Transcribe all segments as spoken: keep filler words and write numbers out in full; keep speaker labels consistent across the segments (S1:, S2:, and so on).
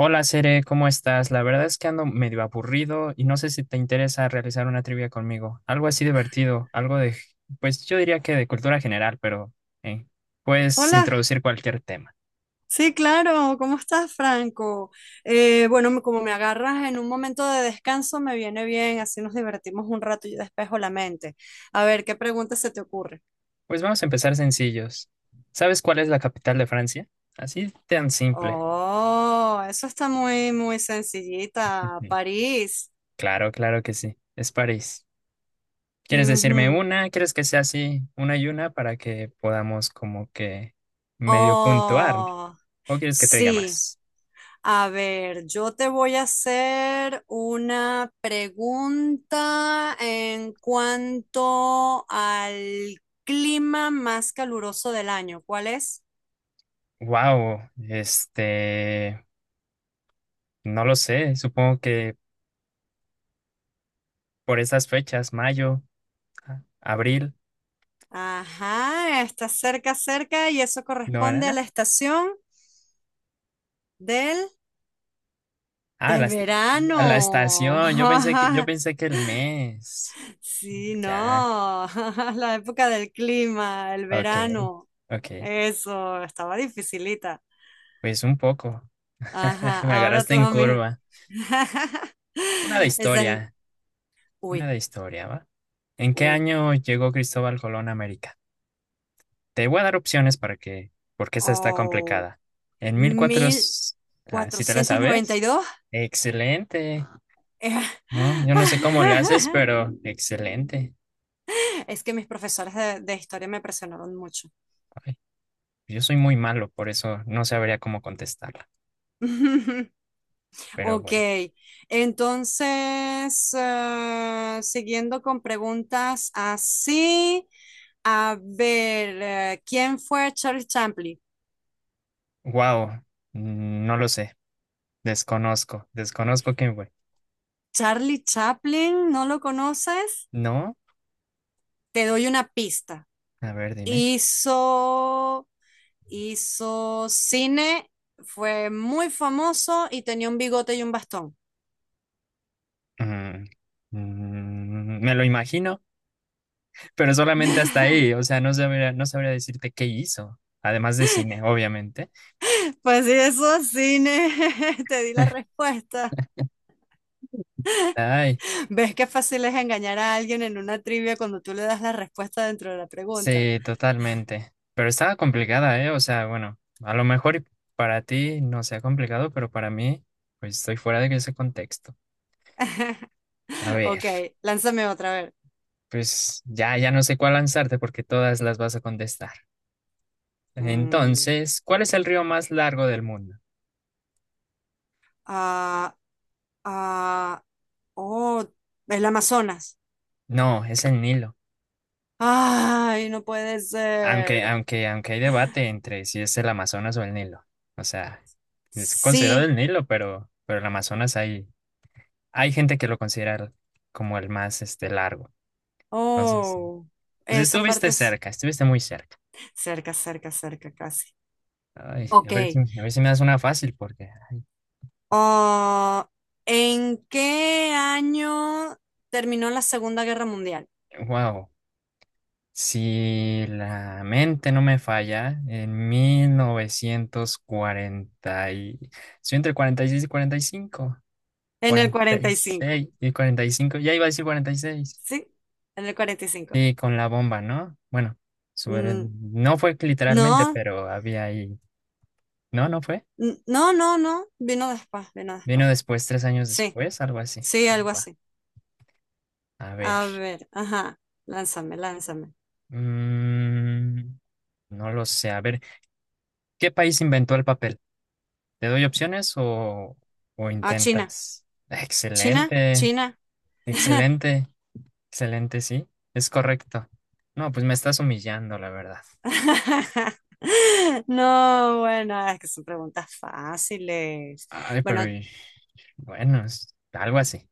S1: Hola, Cere, ¿cómo estás? La verdad es que ando medio aburrido y no sé si te interesa realizar una trivia conmigo. Algo así divertido, algo de, pues yo diría que de cultura general, pero eh, puedes
S2: Hola,
S1: introducir cualquier tema.
S2: sí, claro, ¿cómo estás, Franco? Eh, bueno, me- como me agarras en un momento de descanso, me viene bien, así nos divertimos un rato y despejo la mente. A ver, ¿qué pregunta se te ocurre?
S1: Pues vamos a empezar sencillos. ¿Sabes cuál es la capital de Francia? Así tan simple.
S2: Oh, eso está muy, muy sencillita. París.
S1: Claro, claro que sí, es París. ¿Quieres decirme
S2: Ujú.
S1: una? ¿Quieres que sea así, una y una, para que podamos como que medio puntuar?
S2: Oh,
S1: ¿O quieres que te diga
S2: sí.
S1: más?
S2: A ver, yo te voy a hacer una pregunta en cuanto al clima más caluroso del año. ¿Cuál es?
S1: Wow, este, no lo sé, supongo que por esas fechas, mayo, a- abril,
S2: Ajá, está cerca, cerca y eso
S1: ¿no
S2: corresponde a
S1: era?
S2: la estación del,
S1: Ah, la,
S2: del
S1: est- a la
S2: verano.
S1: estación, yo pensé que, yo pensé que el mes.
S2: Sí,
S1: Ya,
S2: no, la época del clima, el
S1: ok,
S2: verano.
S1: ok,
S2: Eso, estaba dificilita.
S1: pues un poco.
S2: Ajá,
S1: Me
S2: ahora
S1: agarraste
S2: tú
S1: en
S2: a mí.
S1: curva. Una de
S2: Esa es,
S1: historia, una
S2: uy,
S1: de historia, ¿va? ¿En qué
S2: uy,
S1: año llegó Cristóbal Colón a América? Te voy a dar opciones para que, porque esta está
S2: oh,
S1: complicada. En mil cuatrocientos, ah, si te la sabes,
S2: mil cuatrocientos noventa y dos.
S1: excelente. No, yo no sé cómo le haces,
S2: Eh,
S1: pero excelente.
S2: Es que mis profesores de, de historia me presionaron mucho.
S1: Ay, yo soy muy malo, por eso no sabría cómo contestarla. Pero
S2: Ok,
S1: bueno,
S2: entonces, eh, siguiendo con preguntas así, a ver, eh, ¿quién fue Charles Chaplin?
S1: wow, no lo sé. Desconozco, desconozco quién fue.
S2: Charlie Chaplin, ¿no lo conoces?
S1: No,
S2: Te doy una pista.
S1: a ver, dime.
S2: Hizo, hizo cine, fue muy famoso y tenía un bigote y un bastón.
S1: Mm, mm, me lo imagino, pero solamente hasta ahí. O sea, no sabría, no sabría decirte qué hizo, además de cine, obviamente.
S2: Pues sí, eso es cine, te di la respuesta.
S1: Ay,
S2: ¿Ves qué fácil es engañar a alguien en una trivia cuando tú le das la respuesta dentro de la pregunta?
S1: sí, totalmente. Pero estaba complicada, ¿eh? O sea, bueno, a lo mejor y para ti no sea complicado, pero para mí, pues estoy fuera de ese contexto. A ver,
S2: Ok, lánzame otra vez.
S1: pues ya, ya no sé cuál lanzarte porque todas las vas a contestar.
S2: Mm,
S1: Entonces, ¿cuál es el río más largo del mundo?
S2: ah, ah, oh, el Amazonas.
S1: No, es el Nilo.
S2: Ay, no puede
S1: Aunque,
S2: ser.
S1: aunque, aunque hay debate entre si es el Amazonas o el Nilo. O sea, es considerado
S2: Sí,
S1: el Nilo, pero, pero el Amazonas hay, hay gente que lo considera como el más, este, largo. Entonces, sí.
S2: oh,
S1: Pues
S2: esa
S1: estuviste
S2: parte es
S1: cerca, estuviste muy cerca.
S2: cerca, cerca, cerca, casi.
S1: Ay,
S2: Ok.
S1: a ver si, a ver si me das una fácil, porque,
S2: Ah, ¿en qué año terminó la Segunda Guerra Mundial?
S1: wow, si la mente no me falla, en mil novecientos cuarenta y- estoy entre cuarenta y seis y cuarenta y cinco
S2: En el
S1: cuarenta cuarenta
S2: cuarenta
S1: y
S2: y cinco.
S1: seis y cuarenta y seis cinco ya iba a decir cuarenta y seis, y seis,
S2: ¿Sí? En el cuarenta y cinco.
S1: y con la bomba, ¿no? Bueno, sobre,
S2: Mm,
S1: no fue literalmente,
S2: no,
S1: pero había ahí, no, no fue,
S2: n- no, no, no. Vino después, vino
S1: vino
S2: después.
S1: después, tres años
S2: Sí,
S1: después, algo así.
S2: sí, algo
S1: Va,
S2: así.
S1: a ver.
S2: A ver, ajá. Lánzame, lánzame.
S1: Mm, no lo sé. A ver, ¿qué país inventó el papel? ¿Te doy opciones o, o
S2: Ah, China.
S1: intentas?
S2: China,
S1: Excelente,
S2: China.
S1: excelente, excelente, sí. Es correcto. No, pues me estás humillando, la verdad.
S2: No, bueno, es que son preguntas fáciles.
S1: Ay,
S2: Bueno,
S1: pero y- bueno, es algo así.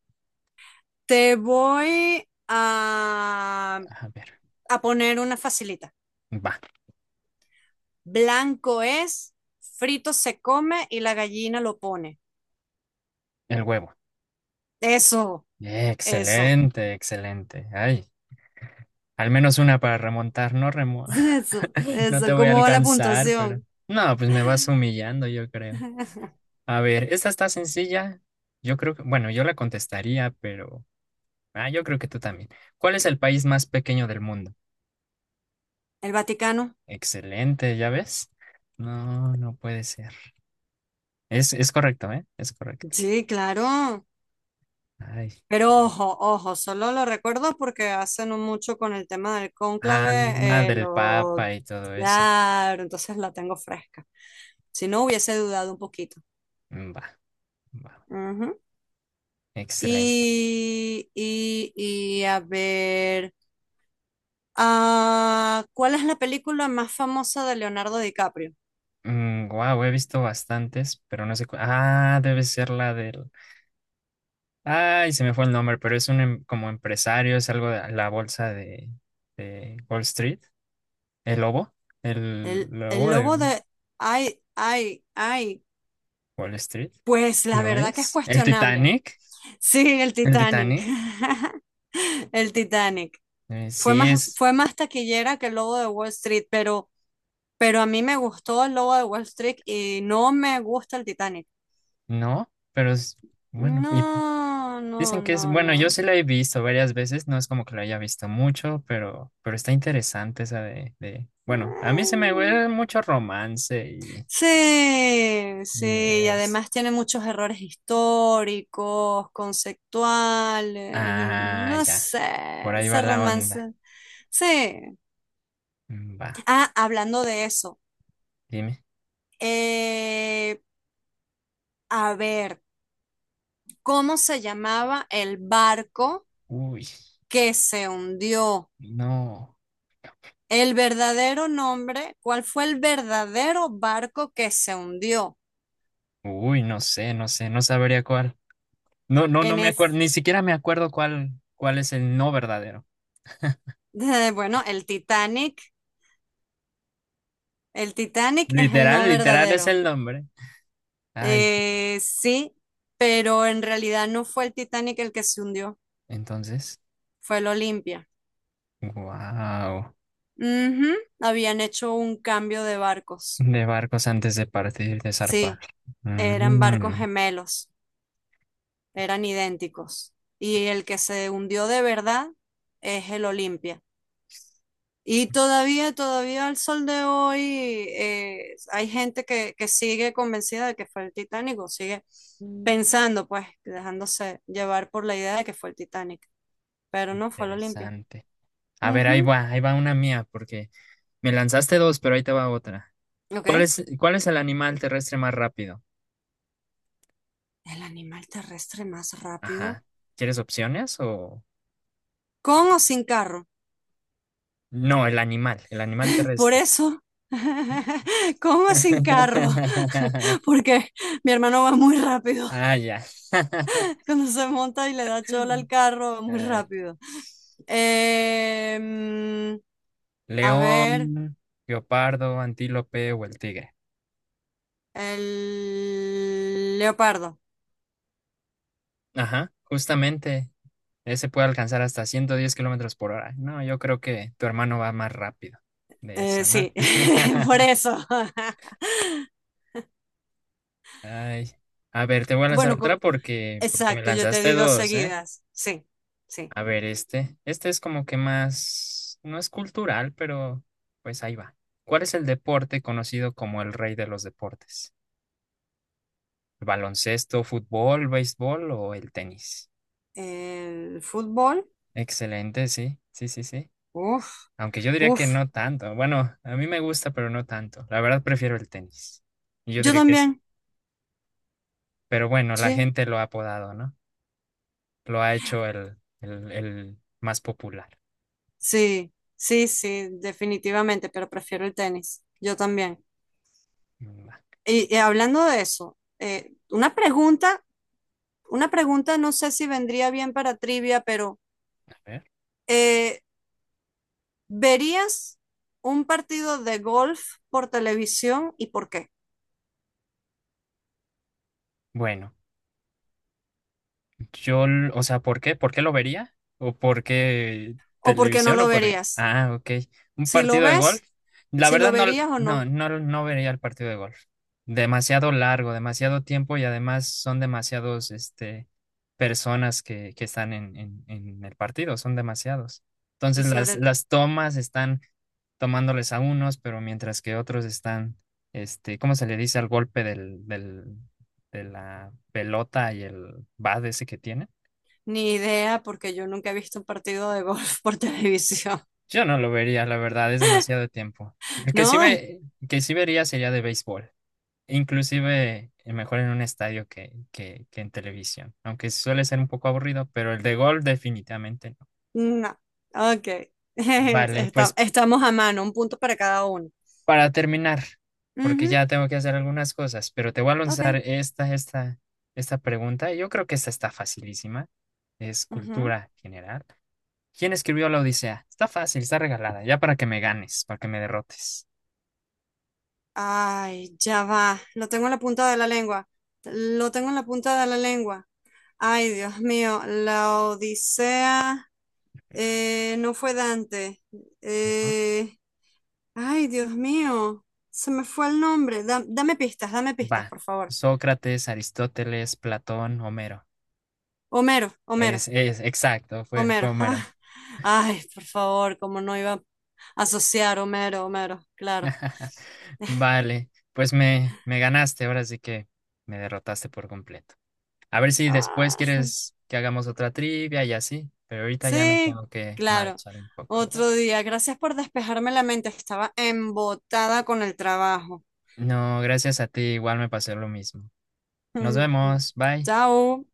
S2: te voy a,
S1: A ver,
S2: a poner una facilita.
S1: va,
S2: Blanco es, frito se come y la gallina lo pone.
S1: el huevo.
S2: Eso, eso,
S1: Excelente, excelente. Ay, al menos una para remontar, no remo.
S2: eso,
S1: No te
S2: eso.
S1: voy a
S2: ¿Cómo va la
S1: alcanzar, pero...
S2: puntuación?
S1: No, pues me vas humillando, yo creo. A ver, esta está sencilla. Yo creo que, bueno, yo la contestaría, pero ah, yo creo que tú también. ¿Cuál es el país más pequeño del mundo?
S2: ¿El Vaticano?
S1: Excelente, ¿ya ves? No, no puede ser. Es, es correcto, ¿eh? Es correcto.
S2: Sí, claro.
S1: Ay.
S2: Pero ojo, ojo, solo lo recuerdo porque hace no mucho con el tema del
S1: Ah,
S2: cónclave eh,
S1: del
S2: lo
S1: Papa y todo eso.
S2: claro, entonces la tengo fresca. Si no, hubiese dudado un poquito.
S1: Mm, va, va.
S2: Ujú.
S1: Excelente.
S2: Y, y, y a ver, ah, ¿cuál es la película más famosa de Leonardo DiCaprio?
S1: Wow, he visto bastantes, pero no sé. cu- Ah, debe ser la del. Ay, se me fue el nombre, pero es un em- como empresario, es algo de la bolsa de, de Wall Street. El lobo, el
S2: El, el
S1: lobo de
S2: lobo de... Ay, ay, ay.
S1: Wall Street,
S2: Pues la
S1: ¿no
S2: verdad que es
S1: es? El
S2: cuestionable.
S1: Titanic,
S2: Sí, el
S1: el
S2: Titanic.
S1: Titanic,
S2: El Titanic.
S1: eh,
S2: Fue
S1: sí
S2: más,
S1: es,
S2: fue más taquillera que el Lobo de Wall Street, pero, pero a mí me gustó el Lobo de Wall Street y no me gusta el Titanic.
S1: no, pero es, bueno, y
S2: No, no,
S1: dicen que es,
S2: no,
S1: bueno, yo
S2: no.
S1: sí la he visto varias veces, no es como que la haya visto mucho, pero, pero está interesante esa de, de, bueno, a mí se me
S2: Mm,
S1: huele mucho romance y,
S2: sí,
S1: y
S2: sí, y
S1: es,
S2: además tiene muchos errores históricos, conceptuales, y
S1: ah,
S2: no
S1: ya,
S2: sé,
S1: por ahí va
S2: ese
S1: la onda.
S2: romance. Sí.
S1: Mm, va,
S2: Ah, hablando de eso,
S1: dime,
S2: eh, a ver, ¿cómo se llamaba el barco
S1: uy,
S2: que se hundió?
S1: no,
S2: El verdadero nombre, ¿cuál fue el verdadero barco que se hundió?
S1: uy, no sé, no sé, no sabría cuál. No, no, no
S2: En
S1: me acuerdo,
S2: es-
S1: ni siquiera me acuerdo cuál, cuál es el no verdadero.
S2: bueno, el Titanic. El Titanic es el
S1: Literal,
S2: no
S1: literal es
S2: verdadero.
S1: el nombre. Ay,
S2: Eh, sí, pero en realidad no fue el Titanic el que se hundió,
S1: entonces,
S2: fue el Olimpia.
S1: wow.
S2: Ujú, habían hecho un cambio de barcos.
S1: De barcos antes de partir, de zarpar.
S2: Sí, eran barcos
S1: Mm,
S2: gemelos, eran idénticos. Y el que se hundió de verdad es el Olimpia. Y todavía, todavía al sol de hoy eh, hay gente que, que sigue convencida de que fue el Titanic o sigue
S1: mm,
S2: pensando, pues, dejándose llevar por la idea de que fue el Titanic, pero no fue la Olimpia.
S1: interesante. A ver, ahí
S2: Ujú,
S1: va, ahí va una mía, porque me lanzaste dos, pero ahí te va otra.
S2: ok.
S1: ¿Cuál es, cuál es el animal terrestre más rápido?
S2: El animal terrestre más
S1: Ajá.
S2: rápido,
S1: ¿Quieres opciones o...?
S2: con o sin carro.
S1: No, el animal, el animal
S2: Por
S1: terrestre.
S2: eso, con o sin carro, porque mi hermano va muy rápido.
S1: Ah, ya.
S2: Cuando se monta y le da chola al carro, va muy
S1: Eh,
S2: rápido. Em, a ver,
S1: león, guepardo, antílope o el tigre.
S2: el leopardo.
S1: Ajá, justamente. Ese puede alcanzar hasta ciento diez kilómetros por hora. No, yo creo que tu hermano va más rápido de
S2: Eh,
S1: eso, ¿no?
S2: sí, por eso.
S1: Ay, a ver, te voy a lanzar
S2: Bueno,
S1: otra
S2: co-
S1: porque, porque me
S2: exacto, yo te
S1: lanzaste
S2: di dos
S1: dos, ¿eh?
S2: seguidas. Sí, sí.
S1: A ver, este. Este es como que más, no es cultural, pero pues ahí va. ¿Cuál es el deporte conocido como el rey de los deportes? ¿Baloncesto, fútbol, béisbol o el tenis?
S2: El fútbol,
S1: Excelente, sí, sí, sí, sí.
S2: uff,
S1: Aunque yo diría que
S2: uff.
S1: no tanto. Bueno, a mí me gusta, pero no tanto. La verdad prefiero el tenis. Y yo
S2: Yo
S1: diría que sí.
S2: también,
S1: Pero bueno, la
S2: sí,
S1: gente lo ha apodado, ¿no? Lo ha hecho el, el, el más popular.
S2: sí, sí, sí, definitivamente, pero prefiero el tenis. Yo también.
S1: Mm, va.
S2: Y, y hablando de eso, eh, una pregunta una pregunta, no sé si vendría bien para trivia, pero
S1: A ver.
S2: eh, ¿verías un partido de golf por televisión y por qué?
S1: Bueno. Yo, l- o sea, ¿por qué? ¿Por qué lo vería? ¿O por qué
S2: ¿O por qué no
S1: televisión?
S2: lo
S1: ¿O por qué?
S2: verías?
S1: Ah, ok. ¿Un
S2: Si lo
S1: partido de golf?
S2: ves,
S1: La
S2: si lo
S1: verdad no,
S2: verías o
S1: no,
S2: no.
S1: no, no vería el partido de golf. Demasiado largo, demasiado tiempo y además son demasiados, este, personas que, que están en, en, en el partido, son demasiados.
S2: Y
S1: Entonces las,
S2: sobre
S1: las tomas están tomándoles a unos, pero mientras que otros están, este, ¿cómo se le dice al golpe del, del, de la pelota y el bat ese que tiene?
S2: ni idea, porque yo nunca he visto un partido de golf por televisión.
S1: Yo no lo vería, la verdad, es demasiado tiempo. El que sí
S2: No, es-
S1: ve, que sí vería sería de béisbol, inclusive eh, mejor en un estadio que, que, que en televisión, aunque suele ser un poco aburrido, pero el de gol definitivamente no.
S2: no. Ok.
S1: Vale,
S2: Está-
S1: pues
S2: estamos a mano, un punto para cada uno.
S1: para terminar, porque
S2: Ujú,
S1: ya tengo que hacer algunas cosas, pero te voy a lanzar
S2: ok.
S1: esta, esta, esta pregunta. Yo creo que esta está facilísima, es
S2: Ujú.
S1: cultura general. ¿Quién escribió la Odisea? Está fácil, está regalada, ya para que me ganes, para que me derrotes.
S2: Ay, ya va. Lo tengo en la punta de la lengua. Lo tengo en la punta de la lengua. Ay, Dios mío. La Odisea eh, no fue Dante.
S1: ¿No?
S2: Eh, ay, Dios mío. Se me fue el nombre. Da- dame pistas, dame pistas,
S1: Va,
S2: por favor.
S1: Sócrates, Aristóteles, Platón, Homero.
S2: Homero, Homero,
S1: Es, es, exacto, fue, fue
S2: Homero.
S1: Homero.
S2: Ah, ay, por favor, como no iba a asociar Homero, Homero. Claro.
S1: Vale, pues me, me ganaste, ahora sí que me derrotaste por completo. A ver si después
S2: Ah.
S1: quieres que hagamos otra trivia y así, pero ahorita ya me
S2: Sí,
S1: tengo que
S2: claro.
S1: marchar un poco, ¿va?
S2: Otro día. Gracias por despejarme la mente. Estaba embotada con el trabajo.
S1: No, gracias a ti, igual me pasó lo mismo. Nos vemos, bye.
S2: Chao.